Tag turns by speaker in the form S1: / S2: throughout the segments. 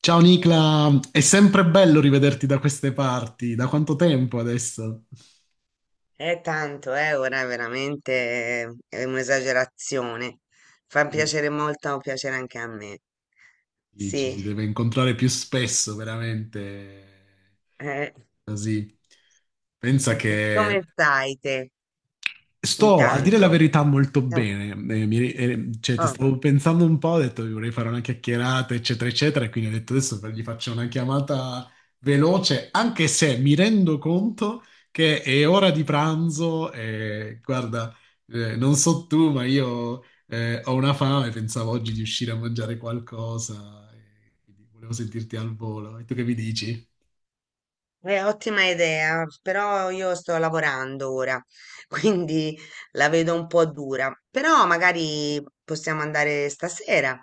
S1: Ciao Nicla, è sempre bello rivederti da queste parti. Da quanto tempo adesso?
S2: È tanto, ora è veramente è un'esagerazione. Fa
S1: Sì,
S2: piacere molto, piacere anche a me.
S1: sì, ci
S2: Sì,
S1: si deve incontrare più spesso, veramente.
S2: eh.
S1: Così. Pensa
S2: Come
S1: che
S2: stai te
S1: Sto, a dire la
S2: intanto?
S1: verità, molto
S2: Eh,
S1: bene. Cioè, ti
S2: oh,
S1: stavo pensando un po', ho detto vorrei fare una chiacchierata, eccetera, eccetera, e quindi ho detto adesso gli faccio una chiamata veloce, anche se mi rendo conto che è ora di pranzo e guarda, non so tu, ma io ho una fame, pensavo oggi di uscire a mangiare qualcosa, e quindi volevo sentirti al volo. E tu che mi dici?
S2: è ottima idea, però io sto lavorando ora, quindi la vedo un po' dura. Però magari possiamo andare stasera.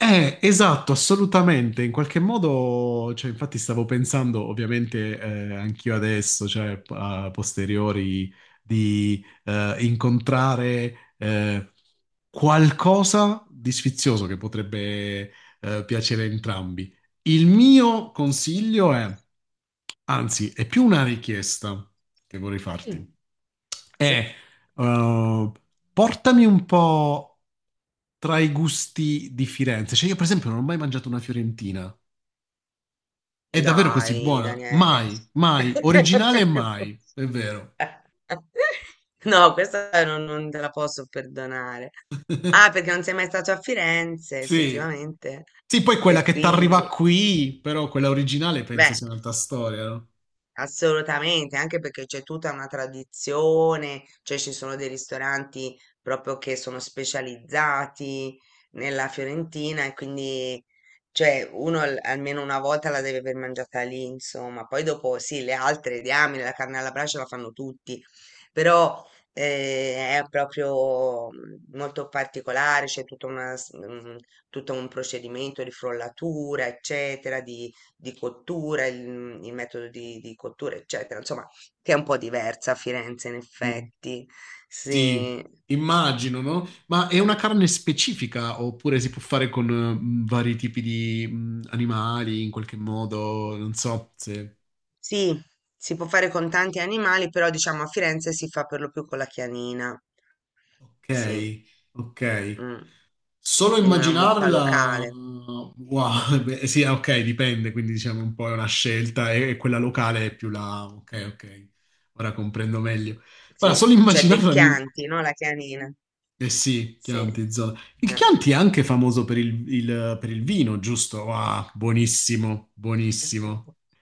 S1: Esatto, assolutamente. In qualche modo, cioè, infatti stavo pensando, ovviamente, anch'io adesso, cioè, a posteriori, di incontrare qualcosa di sfizioso che potrebbe piacere a entrambi. Il mio consiglio è, anzi, è più una richiesta che vorrei farti.
S2: Sì?
S1: Eh, eh, portami un po' tra i gusti di Firenze. Cioè, io, per esempio, non ho mai mangiato una fiorentina. È davvero così
S2: Dai,
S1: buona?
S2: Daniele.
S1: Mai, mai. Originale, mai. È vero.
S2: No, questa non te la posso perdonare. Ah, perché non sei mai stato a Firenze,
S1: Sì.
S2: effettivamente.
S1: Sì, poi quella
S2: E
S1: che ti arriva
S2: quindi,
S1: qui, però quella originale penso
S2: beh.
S1: sia un'altra storia, no?
S2: Assolutamente, anche perché c'è tutta una tradizione, cioè ci sono dei ristoranti proprio che sono specializzati nella Fiorentina e quindi cioè uno almeno una volta la deve aver mangiata lì, insomma. Poi dopo sì, le altre, diamine, la carne alla brace la fanno tutti, però è proprio molto particolare, c'è tutta tutto un procedimento di frollatura, eccetera, di cottura, il metodo di cottura, eccetera, insomma, che è un po' diversa a Firenze, in
S1: Mm.
S2: effetti.
S1: Sì,
S2: Sì,
S1: immagino, no? Ma è una carne specifica oppure si può fare con vari tipi di animali in qualche modo? Non so se.
S2: sì, si può fare con tanti animali, però diciamo a Firenze si fa per lo più con la chianina, sì,
S1: Ok, ok.
S2: mm.
S1: Solo
S2: Quindi una muffa
S1: immaginarla,
S2: locale,
S1: wow, beh, sì, ok, dipende, quindi diciamo un po' è una scelta e quella locale è più la. Ok, ok, ora comprendo meglio. Ora, solo
S2: sì, cioè del
S1: immaginarla mi.
S2: Chianti, no? La chianina,
S1: Eh sì,
S2: sì.
S1: Chianti, zona. Il
S2: Eh.
S1: Chianti è anche famoso per per il vino, giusto? Ah, buonissimo, buonissimo.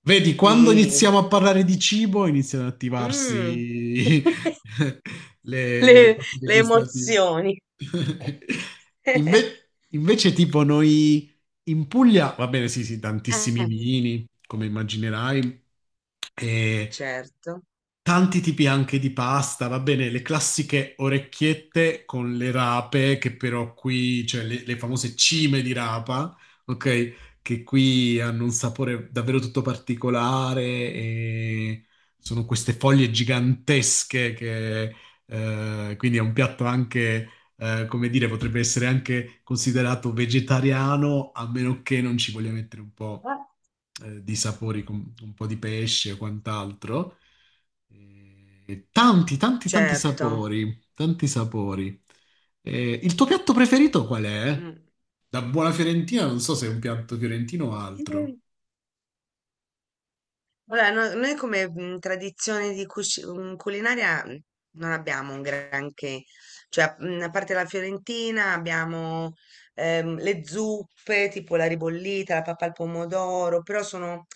S1: Vedi, quando
S2: Sì.
S1: iniziamo a parlare di cibo, iniziano ad
S2: Mm.
S1: attivarsi le
S2: le,
S1: papille
S2: le
S1: gustative.
S2: emozioni.
S1: Invece, tipo, noi in Puglia, va bene, sì, sì, tantissimi
S2: Eh,
S1: vini, come immaginerai, e
S2: certo,
S1: tanti tipi anche di pasta, va bene, le classiche orecchiette con le rape, che però qui, cioè le famose cime di rapa, ok? Che qui hanno un sapore davvero tutto particolare e sono queste foglie gigantesche che, quindi è un piatto anche, come dire, potrebbe essere anche considerato vegetariano, a meno che non ci voglia mettere un po', di sapori, con un po' di pesce o quant'altro. Tanti, tanti, tanti
S2: certo.
S1: sapori, tanti sapori. Il tuo piatto preferito qual è? Da buona fiorentina, non so se è un piatto fiorentino o altro.
S2: Mm. Vabbè, noi come tradizione di culinaria non abbiamo un granché, cioè a parte la fiorentina abbiamo le zuppe, tipo la ribollita, la pappa al pomodoro, però sono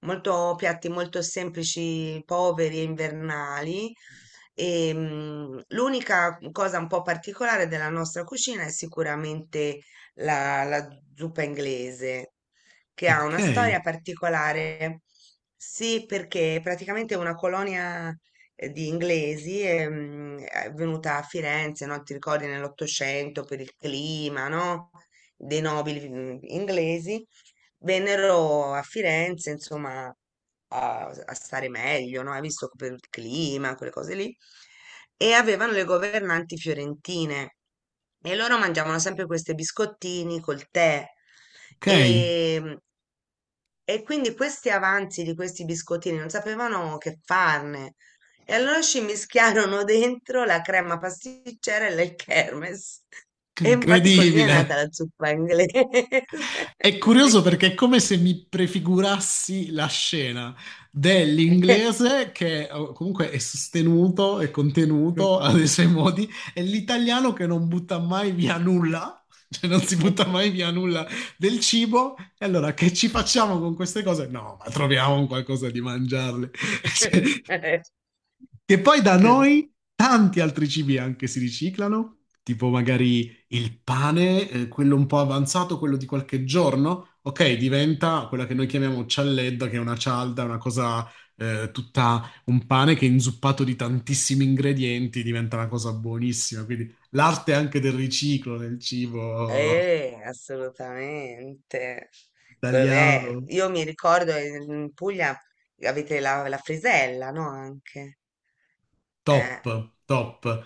S2: molto piatti molto semplici, poveri e invernali. L'unica cosa un po' particolare della nostra cucina è sicuramente la zuppa inglese che ha
S1: Ok,
S2: una storia particolare. Sì, perché praticamente è una colonia di inglesi è venuta a Firenze, no? Ti ricordi nell'Ottocento per il clima, no? Dei nobili inglesi vennero a Firenze, insomma, a stare meglio, no? Hai visto che per il clima, quelle cose lì. E avevano le governanti fiorentine e loro mangiavano sempre questi biscottini col tè.
S1: ok,
S2: E, e quindi questi avanzi di questi biscottini non sapevano che farne. E allora ci mischiarono dentro la crema pasticcera e il kermes. E infatti così è nata
S1: incredibile.
S2: la zuppa inglese.
S1: È curioso perché
S2: Sì.
S1: è come se mi prefigurassi la scena dell'inglese che comunque è sostenuto e contenuto nei suoi modi e l'italiano che non butta mai via nulla, cioè non si butta mai via nulla del cibo. E allora che ci facciamo con queste cose? No, ma troviamo un qualcosa di mangiarle. Cioè, che poi da noi tanti altri cibi anche si riciclano, tipo magari il pane, quello un po' avanzato, quello di qualche giorno, ok, diventa quella che noi chiamiamo cialledda, che è una cialda, una cosa tutta un pane che è inzuppato di tantissimi ingredienti, diventa una cosa buonissima. Quindi l'arte anche del riciclo nel cibo
S2: Assolutamente.
S1: italiano.
S2: Io mi ricordo in Puglia avete la frisella, no? Anche. Eh.
S1: Top, top.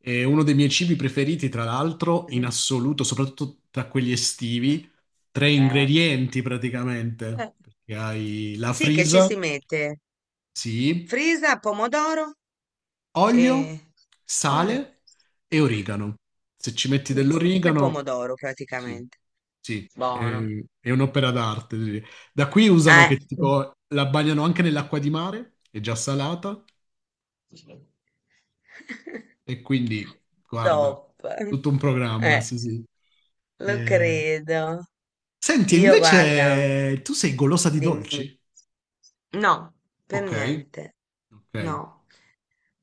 S1: È uno dei miei cibi preferiti, tra l'altro, in
S2: Mhm.
S1: assoluto, soprattutto tra quelli estivi. Tre
S2: Eh.
S1: ingredienti praticamente,
S2: Eh.
S1: perché hai la
S2: Sì, che ci
S1: frisa,
S2: si mette
S1: sì,
S2: frisa, pomodoro
S1: olio,
S2: e olio.
S1: sale e
S2: Eh,
S1: origano. Se ci metti
S2: Basta, pane e
S1: dell'origano,
S2: pomodoro
S1: sì,
S2: praticamente.
S1: sì, è,
S2: Buono.
S1: è un'opera d'arte. Sì. Da qui usano
S2: Eh.
S1: che tipo la bagnano anche nell'acqua di mare, è già salata. E quindi, guarda,
S2: Top.
S1: tutto un programma,
S2: Eh,
S1: sì, sì.
S2: lo
S1: Eh,
S2: credo.
S1: Senti,
S2: Io guarda,
S1: invece tu sei golosa di
S2: dimmi.
S1: dolci?
S2: No, per
S1: Ok,
S2: niente.
S1: ok,
S2: No,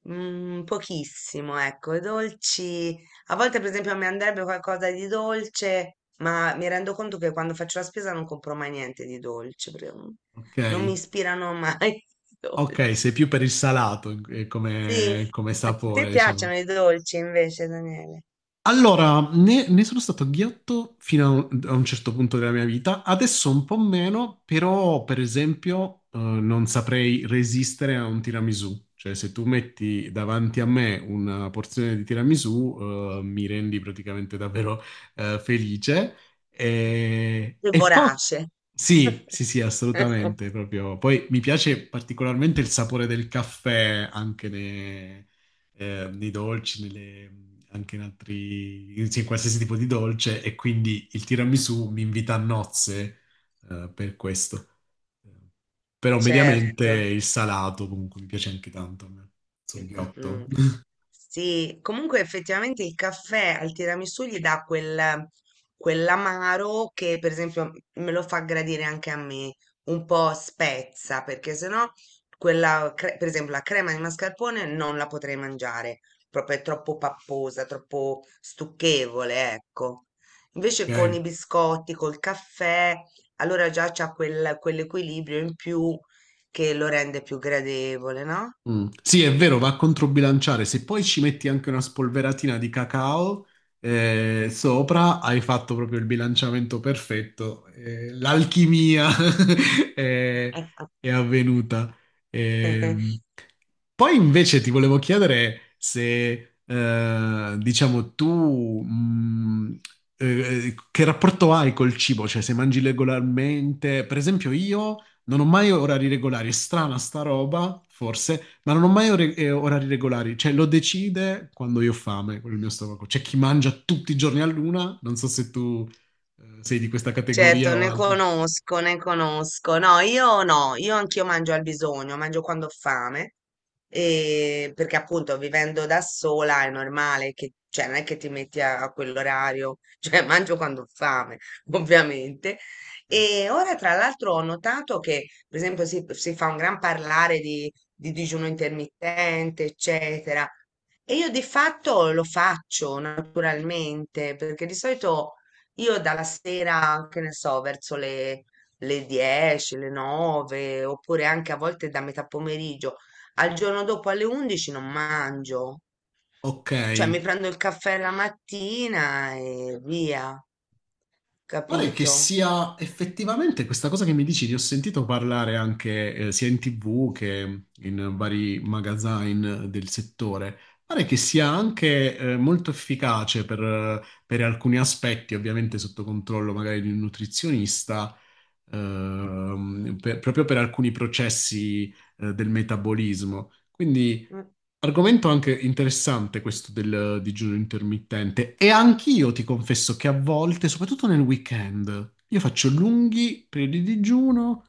S2: mm, pochissimo, ecco. I dolci. A volte, per esempio, mi andrebbe qualcosa di dolce, ma mi rendo conto che quando faccio la spesa non compro mai niente di dolce, perché
S1: ok,
S2: non mi ispirano mai i
S1: ok,
S2: dolci.
S1: sei più per il salato come,
S2: Sì,
S1: come
S2: a te
S1: sapore, diciamo.
S2: piacciono i dolci invece, Daniele?
S1: Allora, ne sono stato ghiotto fino a un certo punto della mia vita, adesso un po' meno, però per esempio non saprei resistere a un tiramisù, cioè se tu metti davanti a me una porzione di tiramisù mi rendi praticamente davvero felice e,
S2: Sei
S1: e poi
S2: vorace.
S1: sì, sì, sì, assolutamente, proprio. Poi mi piace particolarmente il sapore del caffè anche nei dolci, anche in altri, sì, in sì, qualsiasi tipo di dolce, e quindi il tiramisù mi invita a nozze, per questo. Però mediamente
S2: Certo.
S1: il salato comunque mi piace anche tanto a me. Soghiotto,
S2: Mm. Sì, comunque effettivamente il caffè al tiramisù gli dà quel, quell'amaro che per esempio me lo fa gradire anche a me, un po' spezza, perché sennò per esempio la crema di mascarpone non la potrei mangiare, proprio è troppo papposa, troppo stucchevole, ecco. Invece con i
S1: ok?
S2: biscotti, col caffè, allora già c'ha quell'equilibrio in più che lo rende più gradevole, no?
S1: Mm. Sì, è vero, va a controbilanciare. Se poi ci metti anche una spolveratina di cacao sopra, hai fatto proprio il bilanciamento perfetto. L'alchimia è,
S2: Ah, ah.
S1: è avvenuta. Ehm, Poi invece ti volevo chiedere se, diciamo, tu eh, che rapporto hai col cibo? Cioè, se mangi regolarmente, per esempio io. Non ho mai orari regolari, è strana sta roba, forse, ma non ho mai orari regolari, cioè lo decide quando io ho fame, quello è il mio stomaco. C'è chi mangia tutti i giorni a luna, non so se tu sei di questa
S2: Certo,
S1: categoria o
S2: ne
S1: altro.
S2: conosco, ne conosco. No, io no, io anch'io mangio al bisogno, mangio quando ho fame, e perché appunto vivendo da sola è normale che, cioè non è che ti metti a quell'orario, cioè mangio quando ho fame, ovviamente.
S1: Sì.
S2: E ora tra l'altro ho notato che, per esempio, si fa un gran parlare di digiuno intermittente, eccetera. E io di fatto lo faccio naturalmente, perché di solito io dalla sera, che ne so, verso le 10, le 9, oppure anche a volte da metà pomeriggio al giorno dopo alle 11 non mangio.
S1: Ok,
S2: Cioè mi prendo il caffè la mattina e via,
S1: pare che
S2: capito?
S1: sia effettivamente questa cosa che mi dici, ne ho sentito parlare anche sia in TV che in vari magazzine del settore. Pare che sia anche molto efficace per alcuni aspetti, ovviamente sotto controllo magari di un nutrizionista, proprio per alcuni processi del metabolismo. Quindi.
S2: Mm,
S1: Argomento anche interessante questo del digiuno intermittente e anch'io ti confesso che a volte, soprattutto nel weekend, io faccio lunghi periodi di digiuno,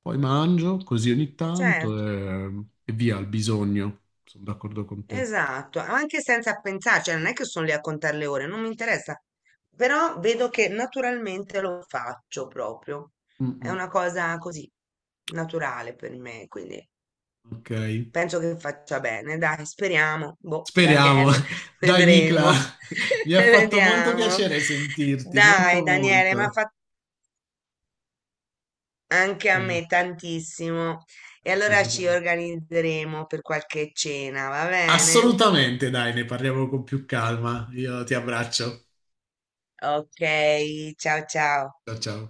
S1: poi mangio così ogni
S2: certo,
S1: tanto e via al bisogno. Sono d'accordo con te.
S2: esatto, anche senza pensare, cioè non è che sono lì a contare le ore, non mi interessa, però vedo che naturalmente lo faccio proprio.
S1: Mm,
S2: È
S1: mm.
S2: una cosa così naturale per me, quindi
S1: Ok,
S2: penso che faccia bene, dai, speriamo. Boh,
S1: speriamo.
S2: Daniele,
S1: Dai, Nicla,
S2: vedremo.
S1: mi ha fatto molto
S2: Vediamo.
S1: piacere sentirti, molto
S2: Dai, Daniele, ma
S1: molto.
S2: fa anche
S1: Ci
S2: a me tantissimo. E allora ci
S1: aggiorniamo.
S2: organizzeremo per qualche cena, va bene?
S1: Assolutamente, dai, ne parliamo con più calma. Io ti abbraccio.
S2: Ok, ciao ciao.
S1: Ciao ciao.